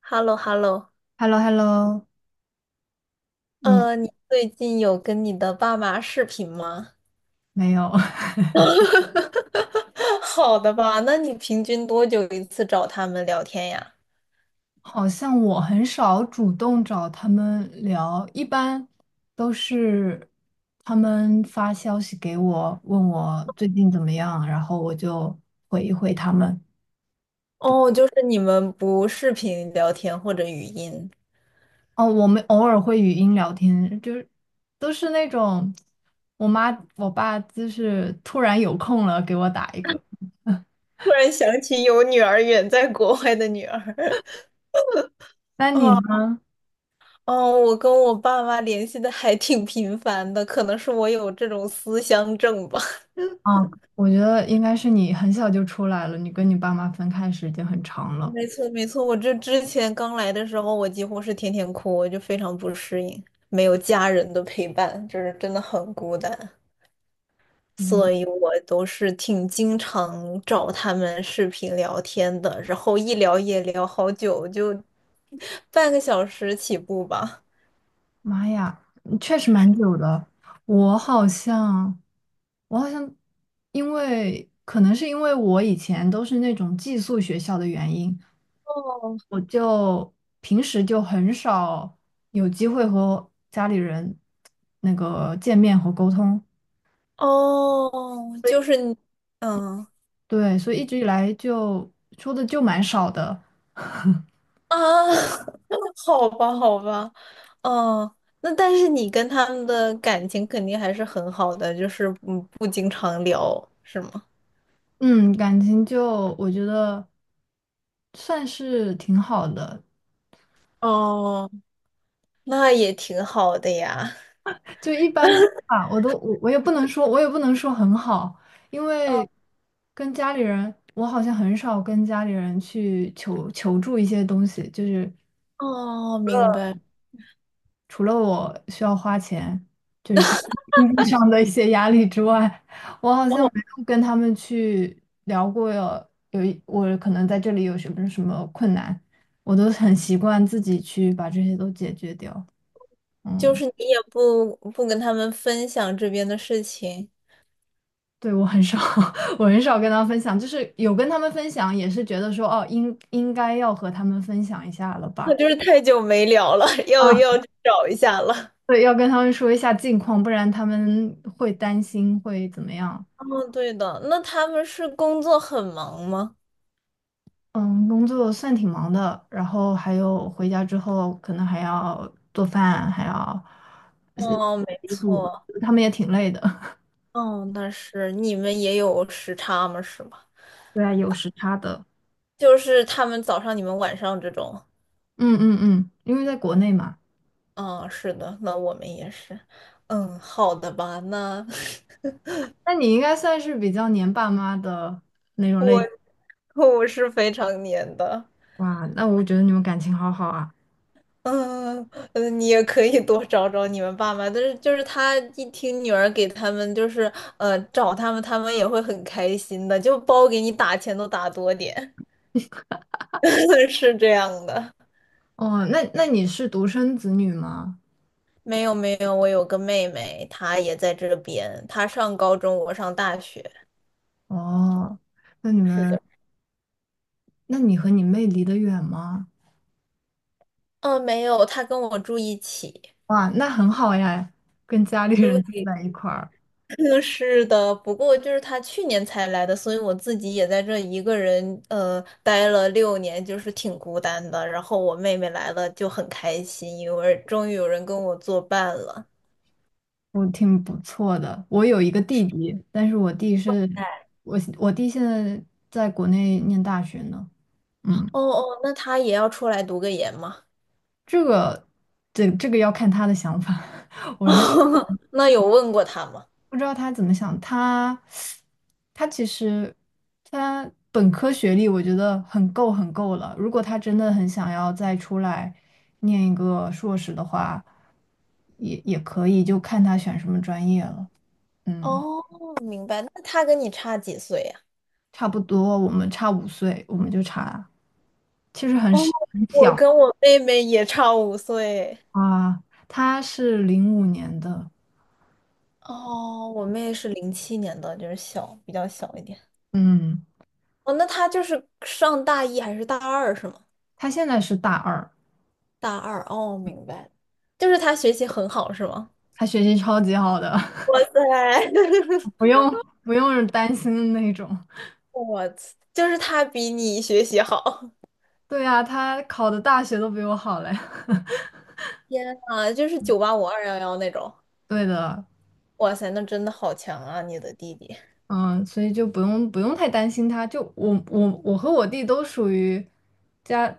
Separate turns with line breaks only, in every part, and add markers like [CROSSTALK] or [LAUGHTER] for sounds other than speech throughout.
h e l l o h e l l o。
h e l l o h e l l o 嗯，
你最近有跟你的爸妈视频吗？
没有，[LAUGHS]
[LAUGHS] 好的吧，那你平均多久一次找他们聊天呀？
好像我很少主动找他们聊，一般都是他们发消息给我，问我最近怎么样，然后我就回一回他们。
哦，就是你们不视频聊天或者语音。
哦，我们偶尔会语音聊天，就是都是那种我妈我爸就是突然有空了给我打一个。
突然想起有女儿远在国外的女儿。
那
[LAUGHS]
你
啊，
呢？
哦，我跟我爸妈联系的还挺频繁的，可能是我有这种思乡症吧。
啊，我觉得应该是你很小就出来了，你跟你爸妈分开时间很长
哦，
了。
没错，没错，我这之前刚来的时候，我几乎是天天哭，我就非常不适应，没有家人的陪伴，就是真的很孤单，所以我都是挺经常找他们视频聊天的，然后一聊也聊好久，就半个小时起步吧。
妈呀，嗯确实蛮久的。我好像，我好像，因为可能是因为我以前都是那种寄宿学校的原因，
哦，
我就平时就很少有机会和家里人那个见面和沟通。
哦，就是你，嗯。
对，所以一直以来就说的就蛮少的。[LAUGHS]
啊，[LAUGHS] 好吧，好吧，哦，那但是你跟他们的感情肯定还是很好的，就是不经常聊，是吗？
嗯，感情就我觉得算是挺好的，
哦，那也挺好的呀。
就一般吧，我也不能说很好，因为
哦
跟家里人，我好像很少跟家里人去求助一些东西，就是
哦，明白。
除了我需要花钱，就是经济上的一些压力之外，我好
哦，
像没有跟他们去聊过有有一我可能在这里有什么什么困难，我都很习惯自己去把这些都解决掉，
就
嗯。
是你也不跟他们分享这边的事情，
对，我很少，[LAUGHS] 我很少跟他分享，就是有跟他们分享，也是觉得说，哦，应该要和他们分享一下了
那
吧？
就是太久没聊了，[LAUGHS]
啊，
要去找一下了。
对，要跟他们说一下近况，不然他们会担心，会怎么样？
哦，对的，那他们是工作很忙吗？
嗯，工作算挺忙的，然后还有回家之后可能还要做饭，还要洗
哦，没
衣服，
错。
他们也挺累的。[LAUGHS]
哦，但是你们也有时差吗？是吗？
对啊，有时差的。
就是他们早上，你们晚上这种。
嗯嗯嗯，因为在国内嘛，
嗯，是的，那我们也是。嗯，好的吧，那
那你应该算是比较黏爸妈的那种类。
[LAUGHS] 我是非常黏的。
哇，那我觉得你们感情好好啊。
嗯，你也可以多找找你们爸妈，但是就是他一听女儿给他们就是找他们，他们也会很开心的，就包给你打钱都打多点，[LAUGHS] 是这样的。
哦，那你是独生子女吗？
没有没有，我有个妹妹，她也在这边，她上高中，我上大学。
哦，那你
是
们，
的，
那你和你妹离得远吗？
嗯，没有，她跟我住一起。
哇，那很好呀，跟家里人住
对，
在一块儿，
[LAUGHS] 是的，不过就是她去年才来的，所以我自己也在这一个人待了6年，就是挺孤单的。然后我妹妹来了就很开心，因为终于有人跟我作伴了。
我挺不错的。我有一个弟弟，但是我弟现在在国内念大学呢。嗯，
哦哦，那她也要出来读个研吗？
这个，这个要看他的想法。[LAUGHS] 我现
[LAUGHS] 那有问过她吗？
不知道他怎么想，他其实他本科学历我觉得很够很够了。如果他真的很想要再出来念一个硕士的话，也可以，就看他选什么专业了。嗯，
哦，明白。那她跟你差几岁呀？
差不多，我们差5岁，我们就差，其实很
哦，
是很
我
小
跟我妹妹也差5岁。
啊。他是05年的，
哦，我妹是07年的，就是小，比较小一点。
嗯，
哦，那她就是上大一还是大二是吗？
他现在是大二，
大二，哦，明白了。就是她学习很好是吗？
他学习超级好的，
哇塞，
[LAUGHS] 不
[LAUGHS]
用不用担心的那种。
我就是她比你学习好。
对呀，他考的大学都比我好嘞。[LAUGHS]
天啊，就是985 211那种。
对的，
哇塞，那真的好强啊，你的弟弟。
嗯，所以就不用不用太担心他。就我和我弟都属于家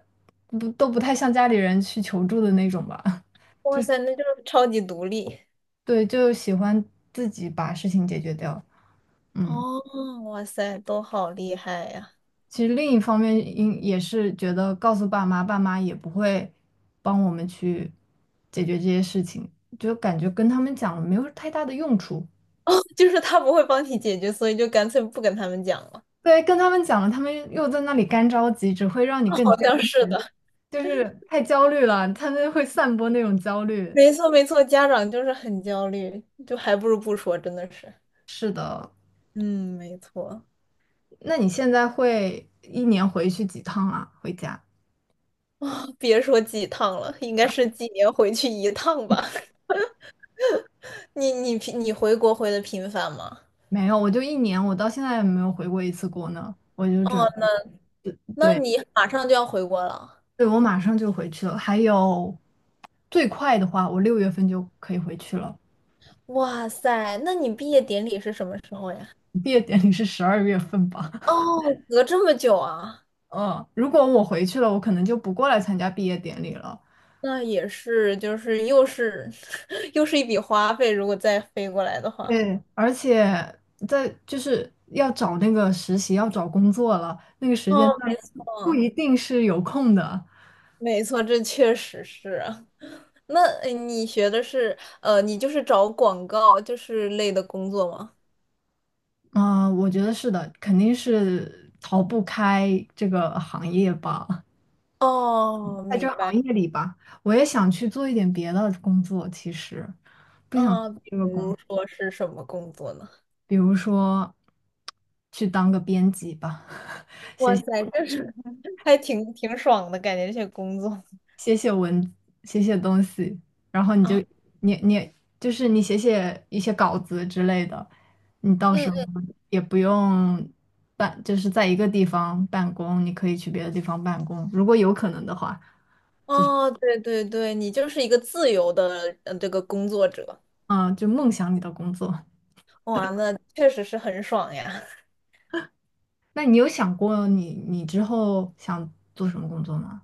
不都不太向家里人去求助的那种吧。
哇塞，那就是超级独立。
[LAUGHS] 对，就喜欢自己把事情解决掉。嗯，
哦，哇塞，都好厉害呀！
其实另一方面，也是觉得告诉爸妈，爸妈也不会帮我们去解决这些事情，就感觉跟他们讲没有太大的用处。
就是他不会帮你解决，所以就干脆不跟他们讲了。
对，跟他们讲了，他们又在那里干着急，只会让你更
好
焦
像是
虑，
的，
就是太焦虑了，他们会散播那种焦
[LAUGHS]
虑。
没错没错，家长就是很焦虑，就还不如不说，真的是。嗯，没错。
那你现在会一年回去几趟啊？回家？
啊、别说几趟了，应该是几年回去一趟吧？[LAUGHS] 你回国回的频繁吗？
没有，我就一年，我到现在也没有回过一次国呢。我就准
哦，
备，
那
对，
你马上就要回国了。
对，我马上就回去了。还有，最快的话，我6月份就可以回去了。
哇塞，那你毕业典礼是什么时候呀？
毕业典礼是12月份吧？[LAUGHS]
哦，隔这么久啊。
嗯，如果我回去了，我可能就不过来参加毕业典礼了。
那也是，就是又是 [LAUGHS] 又是一笔花费，如果再飞过来的话。
对，而且就是要找那个实习，要找工作了，那个时
哦，
间
没
段不
错，
一定是有空的。
没错，这确实是啊。那你学的是你就是找广告就是类的工作吗？
嗯、我觉得是的，肯定是逃不开这个行业吧，
哦，
在这
明
个行
白。
业里吧，我也想去做一点别的工作，其实不想
啊，比
这个工，
如说是什么工作呢？
比如说去当个编辑吧，[LAUGHS]
哇塞，这是 [LAUGHS] 还挺爽的感觉，这些工作
写写文，写写东西，然后你就
啊，
你你就是你写写一些稿子之类的，你到
嗯
时候
嗯，
也不用办，就是在一个地方办公，你可以去别的地方办公，如果有可能的话，
哦，对对对，你就是一个自由的这个工作者，
嗯，就梦想你的工作。
哇，那确实是很爽呀。
那你有想过你之后想做什么工作吗？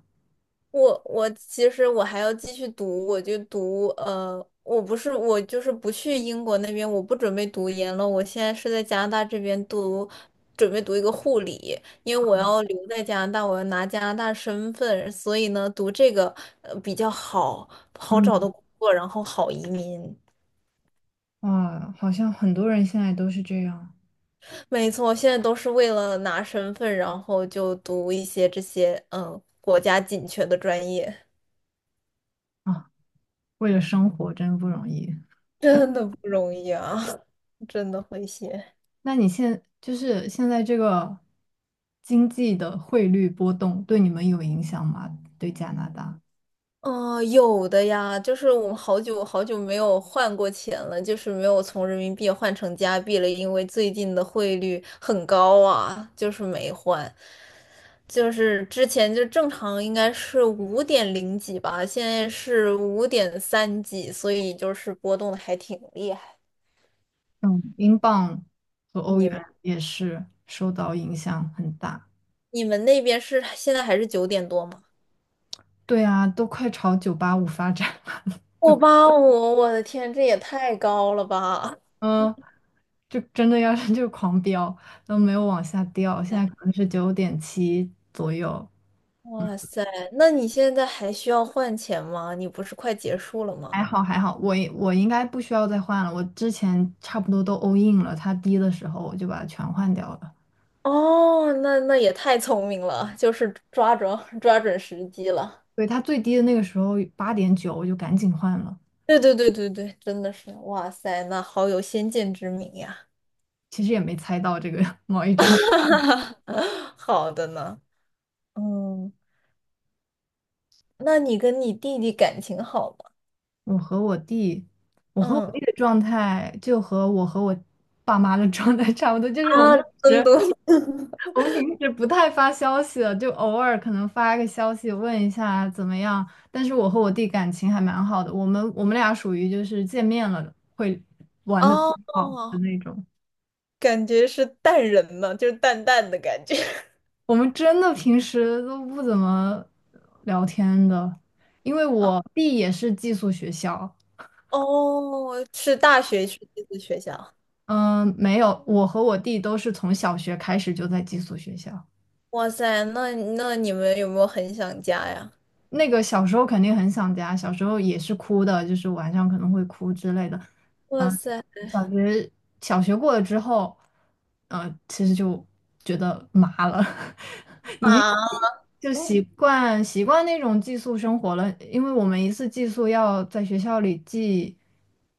我其实我还要继续读，我就读我不是我就是不去英国那边，我不准备读研了，我现在是在加拿大这边读，准备读一个护理，因为我要留在加拿大，我要拿加拿大身份，所以呢，读这个比较好，好找
嗯，
的工作，然后好移民。
哇，好像很多人现在都是这样
没错，现在都是为了拿身份，然后就读一些这些国家紧缺的专业，
啊，为了生活真不容易。
[LAUGHS] 真的不容易啊，[LAUGHS] 真的会写。
那你现就是现在这个经济的汇率波动对你们有影响吗？对加拿大，
哦，有的呀，就是我们好久好久没有换过钱了，就是没有从人民币换成加币了，因为最近的汇率很高啊，就是没换。就是之前就正常应该是5.0几吧，现在是5.3几，所以就是波动的还挺厉害。
嗯，英镑和欧
你们
元也是受到影响很大。
你们那边是现在还是9点多吗？
对啊，都快朝985发展，[LAUGHS]
我八五，我的天，这也太高了吧！
嗯，就真的要 [LAUGHS] 是就狂飙，都没有往下掉，现在
[LAUGHS]
可能是9.7左右，
哇塞，那你现在还需要换钱吗？你不是快结束了
还
吗？
好还好，我应该不需要再换了，我之前差不多都 all in 了，它低的时候我就把它全换掉了。
哦，那也太聪明了，就是抓准 [LAUGHS] 抓准时机了。
对，它最低的那个时候8.9，我就赶紧换了。
对对对对对，真的是，哇塞，那好有先见之明呀。
其实也没猜到这个 [LAUGHS] 贸易战。
[LAUGHS] 好的呢，嗯，那你跟你弟弟感情好吗？
我和我弟，我和我弟
嗯，
的状态就和我和我爸妈的状态差不多，就是
啊，
平
真
时
的
我们平时不太发消息的，就偶尔可能发个消息问一下怎么样。但是我和我弟感情还蛮好的，我们俩属于就是见面了会
[LAUGHS]
玩的
哦，
好的那种。
感觉是淡人呢，就是淡淡的感觉。
我们真的平时都不怎么聊天的，因为我
[LAUGHS]
弟也是寄宿学校，
哦，是大学去这个学校。
嗯，没有，我和我弟都是从小学开始就在寄宿学校。
哇塞，那你们有没有很想家呀？
那个小时候肯定很想家，小时候也是哭的，就是晚上可能会哭之类的。
哇
嗯，
塞
小学小学过了之后，其实就觉得麻了，[LAUGHS]
[LAUGHS]，
已经
啊，
就习惯习惯那种寄宿生活了。因为我们一次寄宿要在学校里寄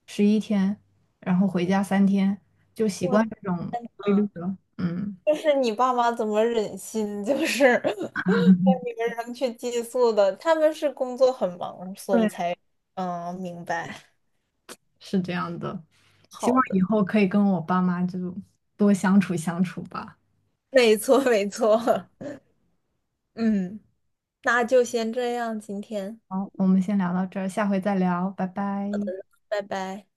11天，然后回家3天，就习
我的
惯这种规律
妈
了。嗯。
就是你爸妈怎么忍心，就是 [LAUGHS] 你们扔去寄宿的？他们是工作很忙，所以
对。
才。嗯，明白。
是这样的。希望
好的，
以后可以跟我爸妈就多相处相处吧。
没错没错，[LAUGHS] 嗯，那就先这样，今天，
好，我们先聊到这儿，下回再聊，拜拜。
拜拜。